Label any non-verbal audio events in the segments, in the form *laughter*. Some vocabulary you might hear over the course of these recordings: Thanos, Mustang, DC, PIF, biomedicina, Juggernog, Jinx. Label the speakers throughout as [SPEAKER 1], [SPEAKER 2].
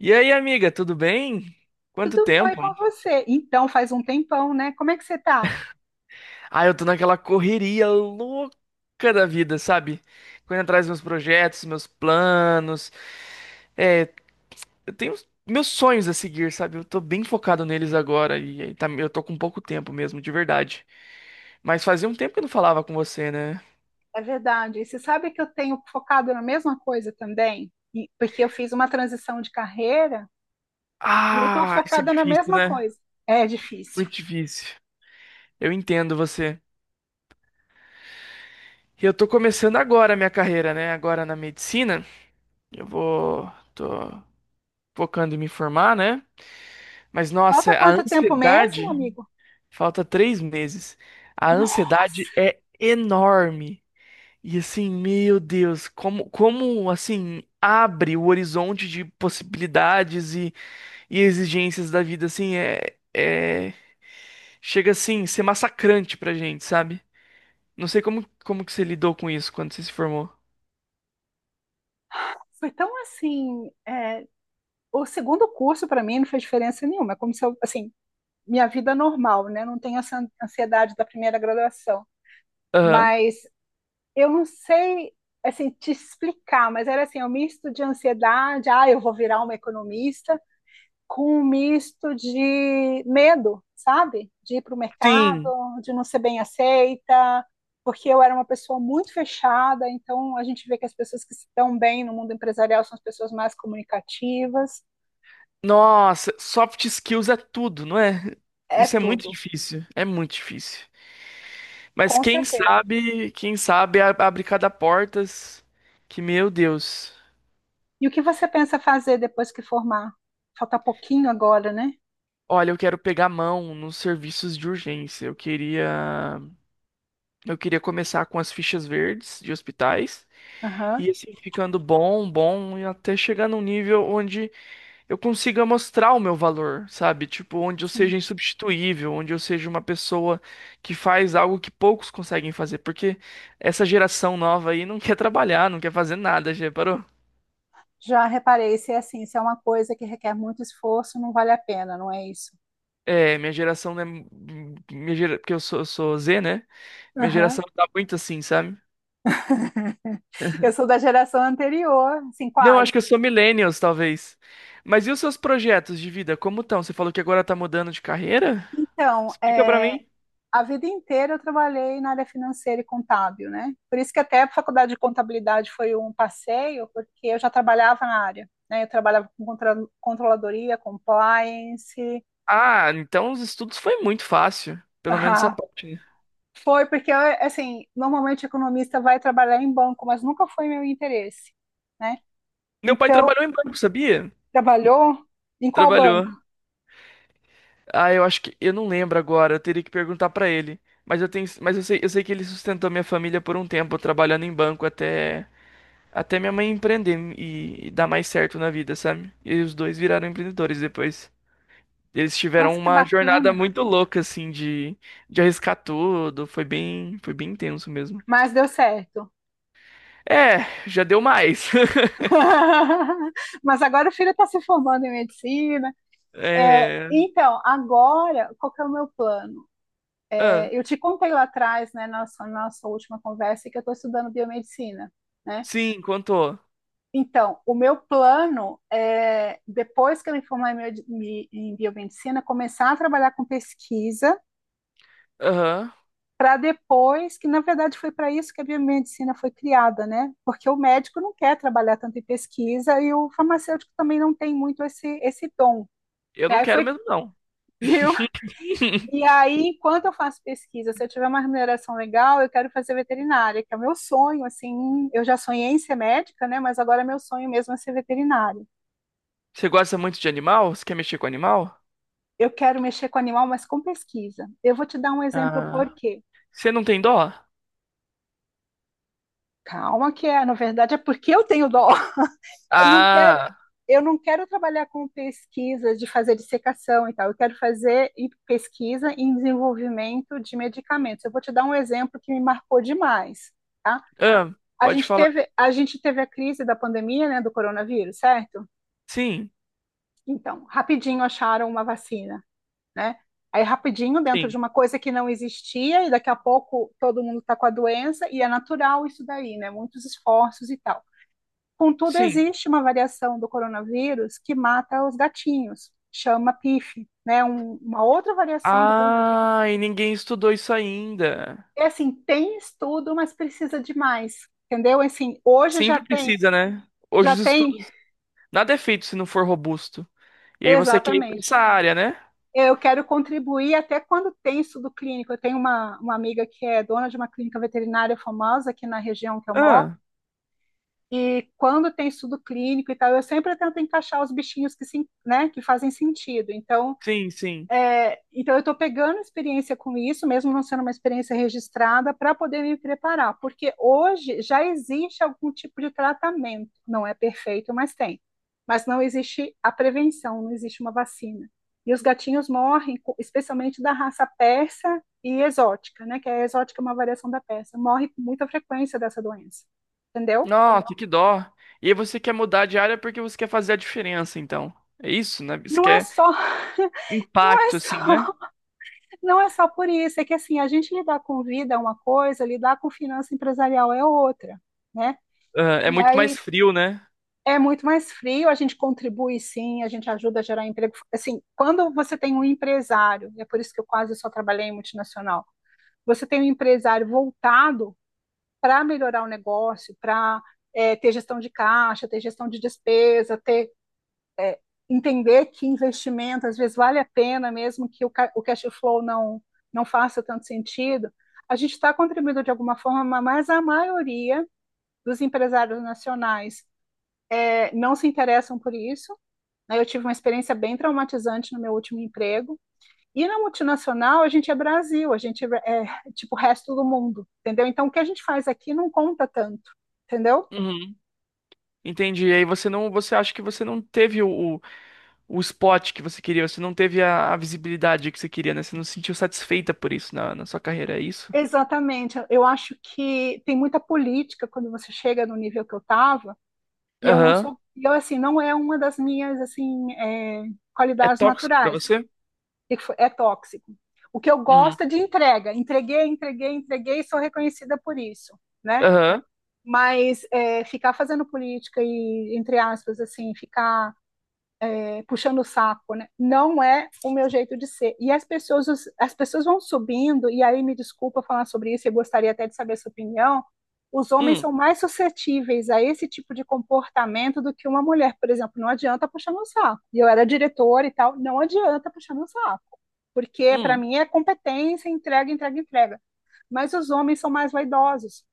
[SPEAKER 1] E aí, amiga, tudo bem? Quanto
[SPEAKER 2] Tudo bom e
[SPEAKER 1] tempo?
[SPEAKER 2] com você? Então, faz um tempão, né? Como é que você tá?
[SPEAKER 1] Ah, eu tô naquela correria louca da vida, sabe? Correndo atrás dos meus projetos, meus planos. É, eu tenho meus sonhos a seguir, sabe? Eu tô bem focado neles agora e aí eu tô com pouco tempo mesmo, de verdade. Mas fazia um tempo que eu não falava com você, né?
[SPEAKER 2] É verdade. E você sabe que eu tenho focado na mesma coisa também? Porque eu fiz uma transição de carreira e eu tô
[SPEAKER 1] Ah, isso é
[SPEAKER 2] focada na
[SPEAKER 1] difícil,
[SPEAKER 2] mesma
[SPEAKER 1] né?
[SPEAKER 2] coisa. É difícil.
[SPEAKER 1] Muito difícil. Eu entendo você. E eu tô começando agora a minha carreira, né? Agora na medicina. Eu vou. Tô focando em me formar, né? Mas
[SPEAKER 2] Falta
[SPEAKER 1] nossa, a
[SPEAKER 2] quanto tempo mesmo,
[SPEAKER 1] ansiedade,
[SPEAKER 2] amigo?
[SPEAKER 1] falta 3 meses. A ansiedade
[SPEAKER 2] Nossa!
[SPEAKER 1] é enorme. E assim, meu Deus, como assim abre o horizonte de possibilidades e exigências da vida, assim, chega assim, a ser massacrante pra gente, sabe? Não sei como que você lidou com isso quando você se formou.
[SPEAKER 2] Foi tão assim. É, o segundo curso para mim não fez diferença nenhuma. É como se eu, assim, minha vida normal, né? Não tenho essa ansiedade da primeira graduação.
[SPEAKER 1] Aham.
[SPEAKER 2] Mas eu não sei assim te explicar, mas era assim, um misto de ansiedade, ah, eu vou virar uma economista, com um misto de medo, sabe? De ir para o mercado,
[SPEAKER 1] Sim.
[SPEAKER 2] de não ser bem aceita, porque eu era uma pessoa muito fechada, então a gente vê que as pessoas que se dão bem no mundo empresarial são as pessoas mais comunicativas,
[SPEAKER 1] Nossa, soft skills é tudo, não é?
[SPEAKER 2] é
[SPEAKER 1] Isso é muito
[SPEAKER 2] tudo,
[SPEAKER 1] difícil, é muito difícil. Mas
[SPEAKER 2] com certeza.
[SPEAKER 1] quem sabe abre cada portas que, meu Deus.
[SPEAKER 2] E o que você pensa fazer depois que formar? Falta pouquinho agora, né?
[SPEAKER 1] Olha, eu quero pegar mão nos serviços de urgência. Eu queria começar com as fichas verdes de hospitais
[SPEAKER 2] Aham.
[SPEAKER 1] e assim ficando bom, bom e até chegar num nível onde eu consiga mostrar o meu valor, sabe? Tipo, onde eu seja
[SPEAKER 2] Sim.
[SPEAKER 1] insubstituível, onde eu seja uma pessoa que faz algo que poucos conseguem fazer, porque essa geração nova aí não *laughs* quer trabalhar, não quer fazer nada, já reparou?
[SPEAKER 2] Já reparei, se é assim, se é uma coisa que requer muito esforço, não vale a pena, não é isso?
[SPEAKER 1] É, minha geração, né? Minha gera... Porque eu sou Z, né? Minha
[SPEAKER 2] Aham.
[SPEAKER 1] geração tá muito assim, sabe?
[SPEAKER 2] *laughs* Eu sou da geração anterior, assim,
[SPEAKER 1] Não, acho que eu
[SPEAKER 2] quase.
[SPEAKER 1] sou millennials, talvez. Mas e os seus projetos de vida, como estão? Você falou que agora tá mudando de carreira?
[SPEAKER 2] Então,
[SPEAKER 1] Explica pra
[SPEAKER 2] é,
[SPEAKER 1] mim.
[SPEAKER 2] a vida inteira eu trabalhei na área financeira e contábil, né? Por isso que até a faculdade de contabilidade foi um passeio, porque eu já trabalhava na área, né? Eu trabalhava com controladoria, compliance. *laughs*
[SPEAKER 1] Ah, então os estudos foi muito fácil. Pelo menos essa
[SPEAKER 2] Ah,
[SPEAKER 1] parte, né?
[SPEAKER 2] foi porque, eu, assim, normalmente economista vai trabalhar em banco, mas nunca foi meu interesse, né?
[SPEAKER 1] Meu pai
[SPEAKER 2] Então,
[SPEAKER 1] trabalhou em banco, sabia?
[SPEAKER 2] trabalhou? Em qual
[SPEAKER 1] Trabalhou.
[SPEAKER 2] banco?
[SPEAKER 1] Ah, eu acho que. Eu não lembro agora, eu teria que perguntar pra ele. Mas eu tenho. Mas eu sei que ele sustentou minha família por um tempo, trabalhando em banco até. Até minha mãe empreender e dar mais certo na vida, sabe? E os dois viraram empreendedores depois. Eles
[SPEAKER 2] Nossa,
[SPEAKER 1] tiveram
[SPEAKER 2] que
[SPEAKER 1] uma jornada
[SPEAKER 2] bacana.
[SPEAKER 1] muito louca, assim, de arriscar tudo. Foi bem intenso mesmo.
[SPEAKER 2] Mas deu certo.
[SPEAKER 1] É, já deu mais. *laughs*
[SPEAKER 2] *laughs* Mas agora o filho está se formando em medicina. É,
[SPEAKER 1] É.
[SPEAKER 2] então, agora, qual que é o meu plano?
[SPEAKER 1] Ah,
[SPEAKER 2] É, eu te contei lá atrás, né, na nossa última conversa, que eu estou estudando biomedicina, né?
[SPEAKER 1] sim, contou.
[SPEAKER 2] Então, o meu plano é, depois que eu me formar em biomedicina, começar a trabalhar com pesquisa
[SPEAKER 1] Aham.
[SPEAKER 2] para depois, que na verdade foi para isso que a biomedicina foi criada, né? Porque o médico não quer trabalhar tanto em pesquisa e o farmacêutico também não tem muito esse dom,
[SPEAKER 1] Eu
[SPEAKER 2] né?
[SPEAKER 1] não
[SPEAKER 2] Aí
[SPEAKER 1] quero
[SPEAKER 2] foi,
[SPEAKER 1] mesmo, não.
[SPEAKER 2] *laughs* viu? E
[SPEAKER 1] *laughs*
[SPEAKER 2] aí, enquanto eu faço pesquisa, se eu tiver uma remuneração legal, eu quero fazer veterinária, que é o meu sonho, assim, eu já sonhei em ser médica, né? Mas agora meu sonho mesmo é ser veterinária.
[SPEAKER 1] Você gosta muito de animal? Você quer mexer com animal?
[SPEAKER 2] Eu quero mexer com animal, mas com pesquisa. Eu vou te dar um exemplo
[SPEAKER 1] Ah.
[SPEAKER 2] por quê.
[SPEAKER 1] Você não tem dó?
[SPEAKER 2] Calma que é, na verdade é porque eu tenho dó. eu não quero,
[SPEAKER 1] Ah.
[SPEAKER 2] eu não quero trabalhar com pesquisa de fazer dissecação e tal, eu quero fazer em pesquisa em desenvolvimento de medicamentos. Eu vou te dar um exemplo que me marcou demais, tá?
[SPEAKER 1] Ah,
[SPEAKER 2] A
[SPEAKER 1] pode
[SPEAKER 2] gente
[SPEAKER 1] falar.
[SPEAKER 2] teve, a gente teve a crise da pandemia, né, do coronavírus, certo?
[SPEAKER 1] Sim,
[SPEAKER 2] Então, rapidinho acharam uma vacina, né? Aí rapidinho, dentro de
[SPEAKER 1] sim,
[SPEAKER 2] uma coisa que não existia, e daqui a pouco todo mundo está com a doença, e é natural isso daí, né? Muitos esforços e tal. Contudo,
[SPEAKER 1] sim.
[SPEAKER 2] existe uma variação do coronavírus que mata os gatinhos, chama PIF, né? Uma outra variação do coronavírus.
[SPEAKER 1] Ah, e ninguém estudou isso ainda.
[SPEAKER 2] É assim, tem estudo, mas precisa de mais, entendeu? Assim, hoje já
[SPEAKER 1] Sempre
[SPEAKER 2] tem,
[SPEAKER 1] precisa, né? Hoje
[SPEAKER 2] já
[SPEAKER 1] os
[SPEAKER 2] tem,
[SPEAKER 1] estudos. Nada é feito se não for robusto. E aí você quer ir pra
[SPEAKER 2] Exatamente.
[SPEAKER 1] essa área, né?
[SPEAKER 2] Eu quero contribuir até quando tem estudo clínico. Eu tenho uma amiga que é dona de uma clínica veterinária famosa aqui na região que eu moro,
[SPEAKER 1] Ah,
[SPEAKER 2] e quando tem estudo clínico e tal, eu sempre tento encaixar os bichinhos que, se, né, que fazem sentido. Então,
[SPEAKER 1] sim, sim.
[SPEAKER 2] Então, eu estou pegando experiência com isso, mesmo não sendo uma experiência registrada, para poder me preparar, porque hoje já existe algum tipo de tratamento. Não é perfeito, mas tem. Mas não existe a prevenção, não existe uma vacina. E os gatinhos morrem, especialmente da raça persa e exótica, né? Que a exótica é uma variação da persa. Morre com muita frequência dessa doença, entendeu?
[SPEAKER 1] Nossa, que dó. E aí você quer mudar de área porque você quer fazer a diferença, então. É isso, né? Você
[SPEAKER 2] Não é
[SPEAKER 1] quer
[SPEAKER 2] só, *laughs* não é
[SPEAKER 1] impacto, assim, né?
[SPEAKER 2] só Não é só por isso, é que assim, a gente lidar com vida é uma coisa, lidar com finança empresarial é outra, né?
[SPEAKER 1] Ah, é
[SPEAKER 2] E
[SPEAKER 1] muito mais
[SPEAKER 2] aí
[SPEAKER 1] frio, né?
[SPEAKER 2] é muito mais frio, a gente contribui sim, a gente ajuda a gerar emprego. Assim, quando você tem um empresário, e é por isso que eu quase só trabalhei em multinacional, você tem um empresário voltado para melhorar o negócio, para é, ter gestão de caixa, ter gestão de despesa, ter entender que investimento às vezes vale a pena, mesmo que o cash flow não faça tanto sentido, a gente está contribuindo de alguma forma, mas a maioria dos empresários nacionais é, não se interessam por isso. Né? Eu tive uma experiência bem traumatizante no meu último emprego. E na multinacional, a gente é Brasil, a gente é tipo o resto do mundo, entendeu? Então, o que a gente faz aqui não conta tanto, entendeu?
[SPEAKER 1] Uhum. Entendi. E aí você não, você acha que você não teve o spot que você queria, você não teve a visibilidade que você queria, né? Você não se sentiu satisfeita por isso na sua carreira, é isso?
[SPEAKER 2] Exatamente. Eu acho que tem muita política quando você chega no nível que eu estava, e eu não
[SPEAKER 1] Aham.
[SPEAKER 2] sou, e eu assim, não é uma das minhas assim é,
[SPEAKER 1] É
[SPEAKER 2] qualidades
[SPEAKER 1] tóxico pra
[SPEAKER 2] naturais.
[SPEAKER 1] você?
[SPEAKER 2] O que que foi? É tóxico. O que eu
[SPEAKER 1] Uhum.
[SPEAKER 2] gosto é de entrega. Entreguei, entreguei, entreguei e sou reconhecida por isso, né?
[SPEAKER 1] Aham.
[SPEAKER 2] Mas é, ficar fazendo política e, entre aspas, assim, ficar puxando o saco, né? Não é o meu jeito de ser. E as pessoas vão subindo, e aí me desculpa falar sobre isso, eu gostaria até de saber a sua opinião. Os homens
[SPEAKER 1] Hum,
[SPEAKER 2] são mais suscetíveis a esse tipo de comportamento do que uma mulher, por exemplo. Não adianta puxar no saco. E eu era diretora e tal, não adianta puxar no saco. Porque para
[SPEAKER 1] hum.
[SPEAKER 2] mim é competência, entrega, entrega, entrega. Mas os homens são mais vaidosos. O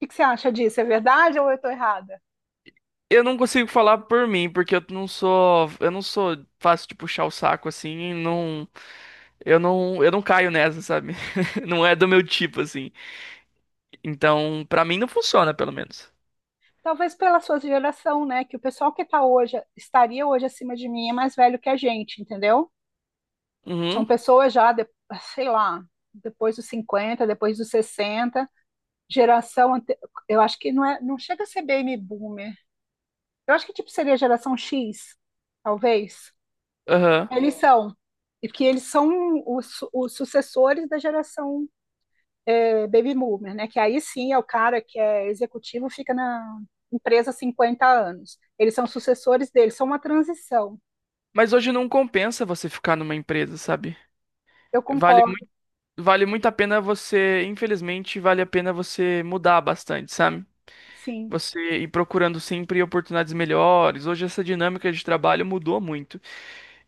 [SPEAKER 2] que que você acha disso? É verdade ou eu estou errada?
[SPEAKER 1] Eu não consigo falar por mim, porque eu não sou fácil de puxar o saco assim, não, eu não caio nessa, sabe? *laughs* Não é do meu tipo assim. Então, pra mim não funciona, pelo menos.
[SPEAKER 2] Talvez pela sua geração, né? Que o pessoal que tá hoje, estaria hoje acima de mim é mais velho que a gente, entendeu? São
[SPEAKER 1] Uhum.
[SPEAKER 2] pessoas já, sei lá, depois dos 50 depois dos 60 geração, eu acho que não é, não chega a ser baby boomer. Eu acho que tipo seria a geração X, talvez.
[SPEAKER 1] Aham.
[SPEAKER 2] Eles são, eles são os sucessores da geração é, baby boomer, né? Que aí sim é o cara que é executivo, fica na empresa há 50 anos. Eles são sucessores deles, são uma transição.
[SPEAKER 1] Mas hoje não compensa você ficar numa empresa, sabe?
[SPEAKER 2] Eu
[SPEAKER 1] Vale,
[SPEAKER 2] concordo,
[SPEAKER 1] mui- vale muito a pena você, infelizmente, vale a pena você mudar bastante, sabe?
[SPEAKER 2] sim.
[SPEAKER 1] Você ir procurando sempre oportunidades melhores. Hoje essa dinâmica de trabalho mudou muito.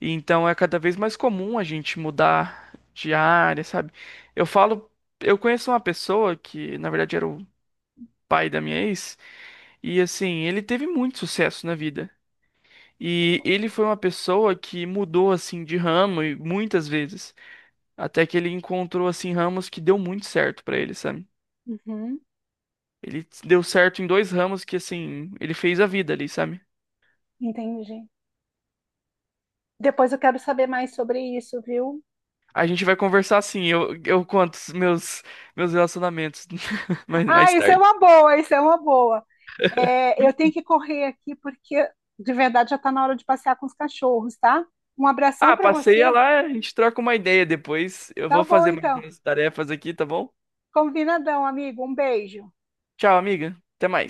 [SPEAKER 1] E então é cada vez mais comum a gente mudar de área, sabe? Eu falo, eu conheço uma pessoa que, na verdade, era o pai da minha ex, e assim, ele teve muito sucesso na vida. E ele foi uma pessoa que mudou assim de ramo e muitas vezes. Até que ele encontrou, assim, ramos que deu muito certo pra ele, sabe?
[SPEAKER 2] Uhum,
[SPEAKER 1] Ele deu certo em dois ramos que, assim, ele fez a vida ali, sabe?
[SPEAKER 2] entendi. Depois eu quero saber mais sobre isso, viu?
[SPEAKER 1] A gente vai conversar assim, eu conto meus relacionamentos *laughs*
[SPEAKER 2] Ah,
[SPEAKER 1] mais
[SPEAKER 2] isso é
[SPEAKER 1] tarde.
[SPEAKER 2] uma boa, isso é uma boa. É, eu tenho que correr aqui porque de verdade já está na hora de passear com os cachorros, tá? Um abração
[SPEAKER 1] Ah,
[SPEAKER 2] para
[SPEAKER 1] passeia
[SPEAKER 2] você.
[SPEAKER 1] lá, a gente troca uma ideia depois. Eu
[SPEAKER 2] Tá
[SPEAKER 1] vou
[SPEAKER 2] bom,
[SPEAKER 1] fazer mais
[SPEAKER 2] então.
[SPEAKER 1] as tarefas aqui, tá bom?
[SPEAKER 2] Combinadão, amigo. Um beijo.
[SPEAKER 1] Tchau, amiga. Até mais.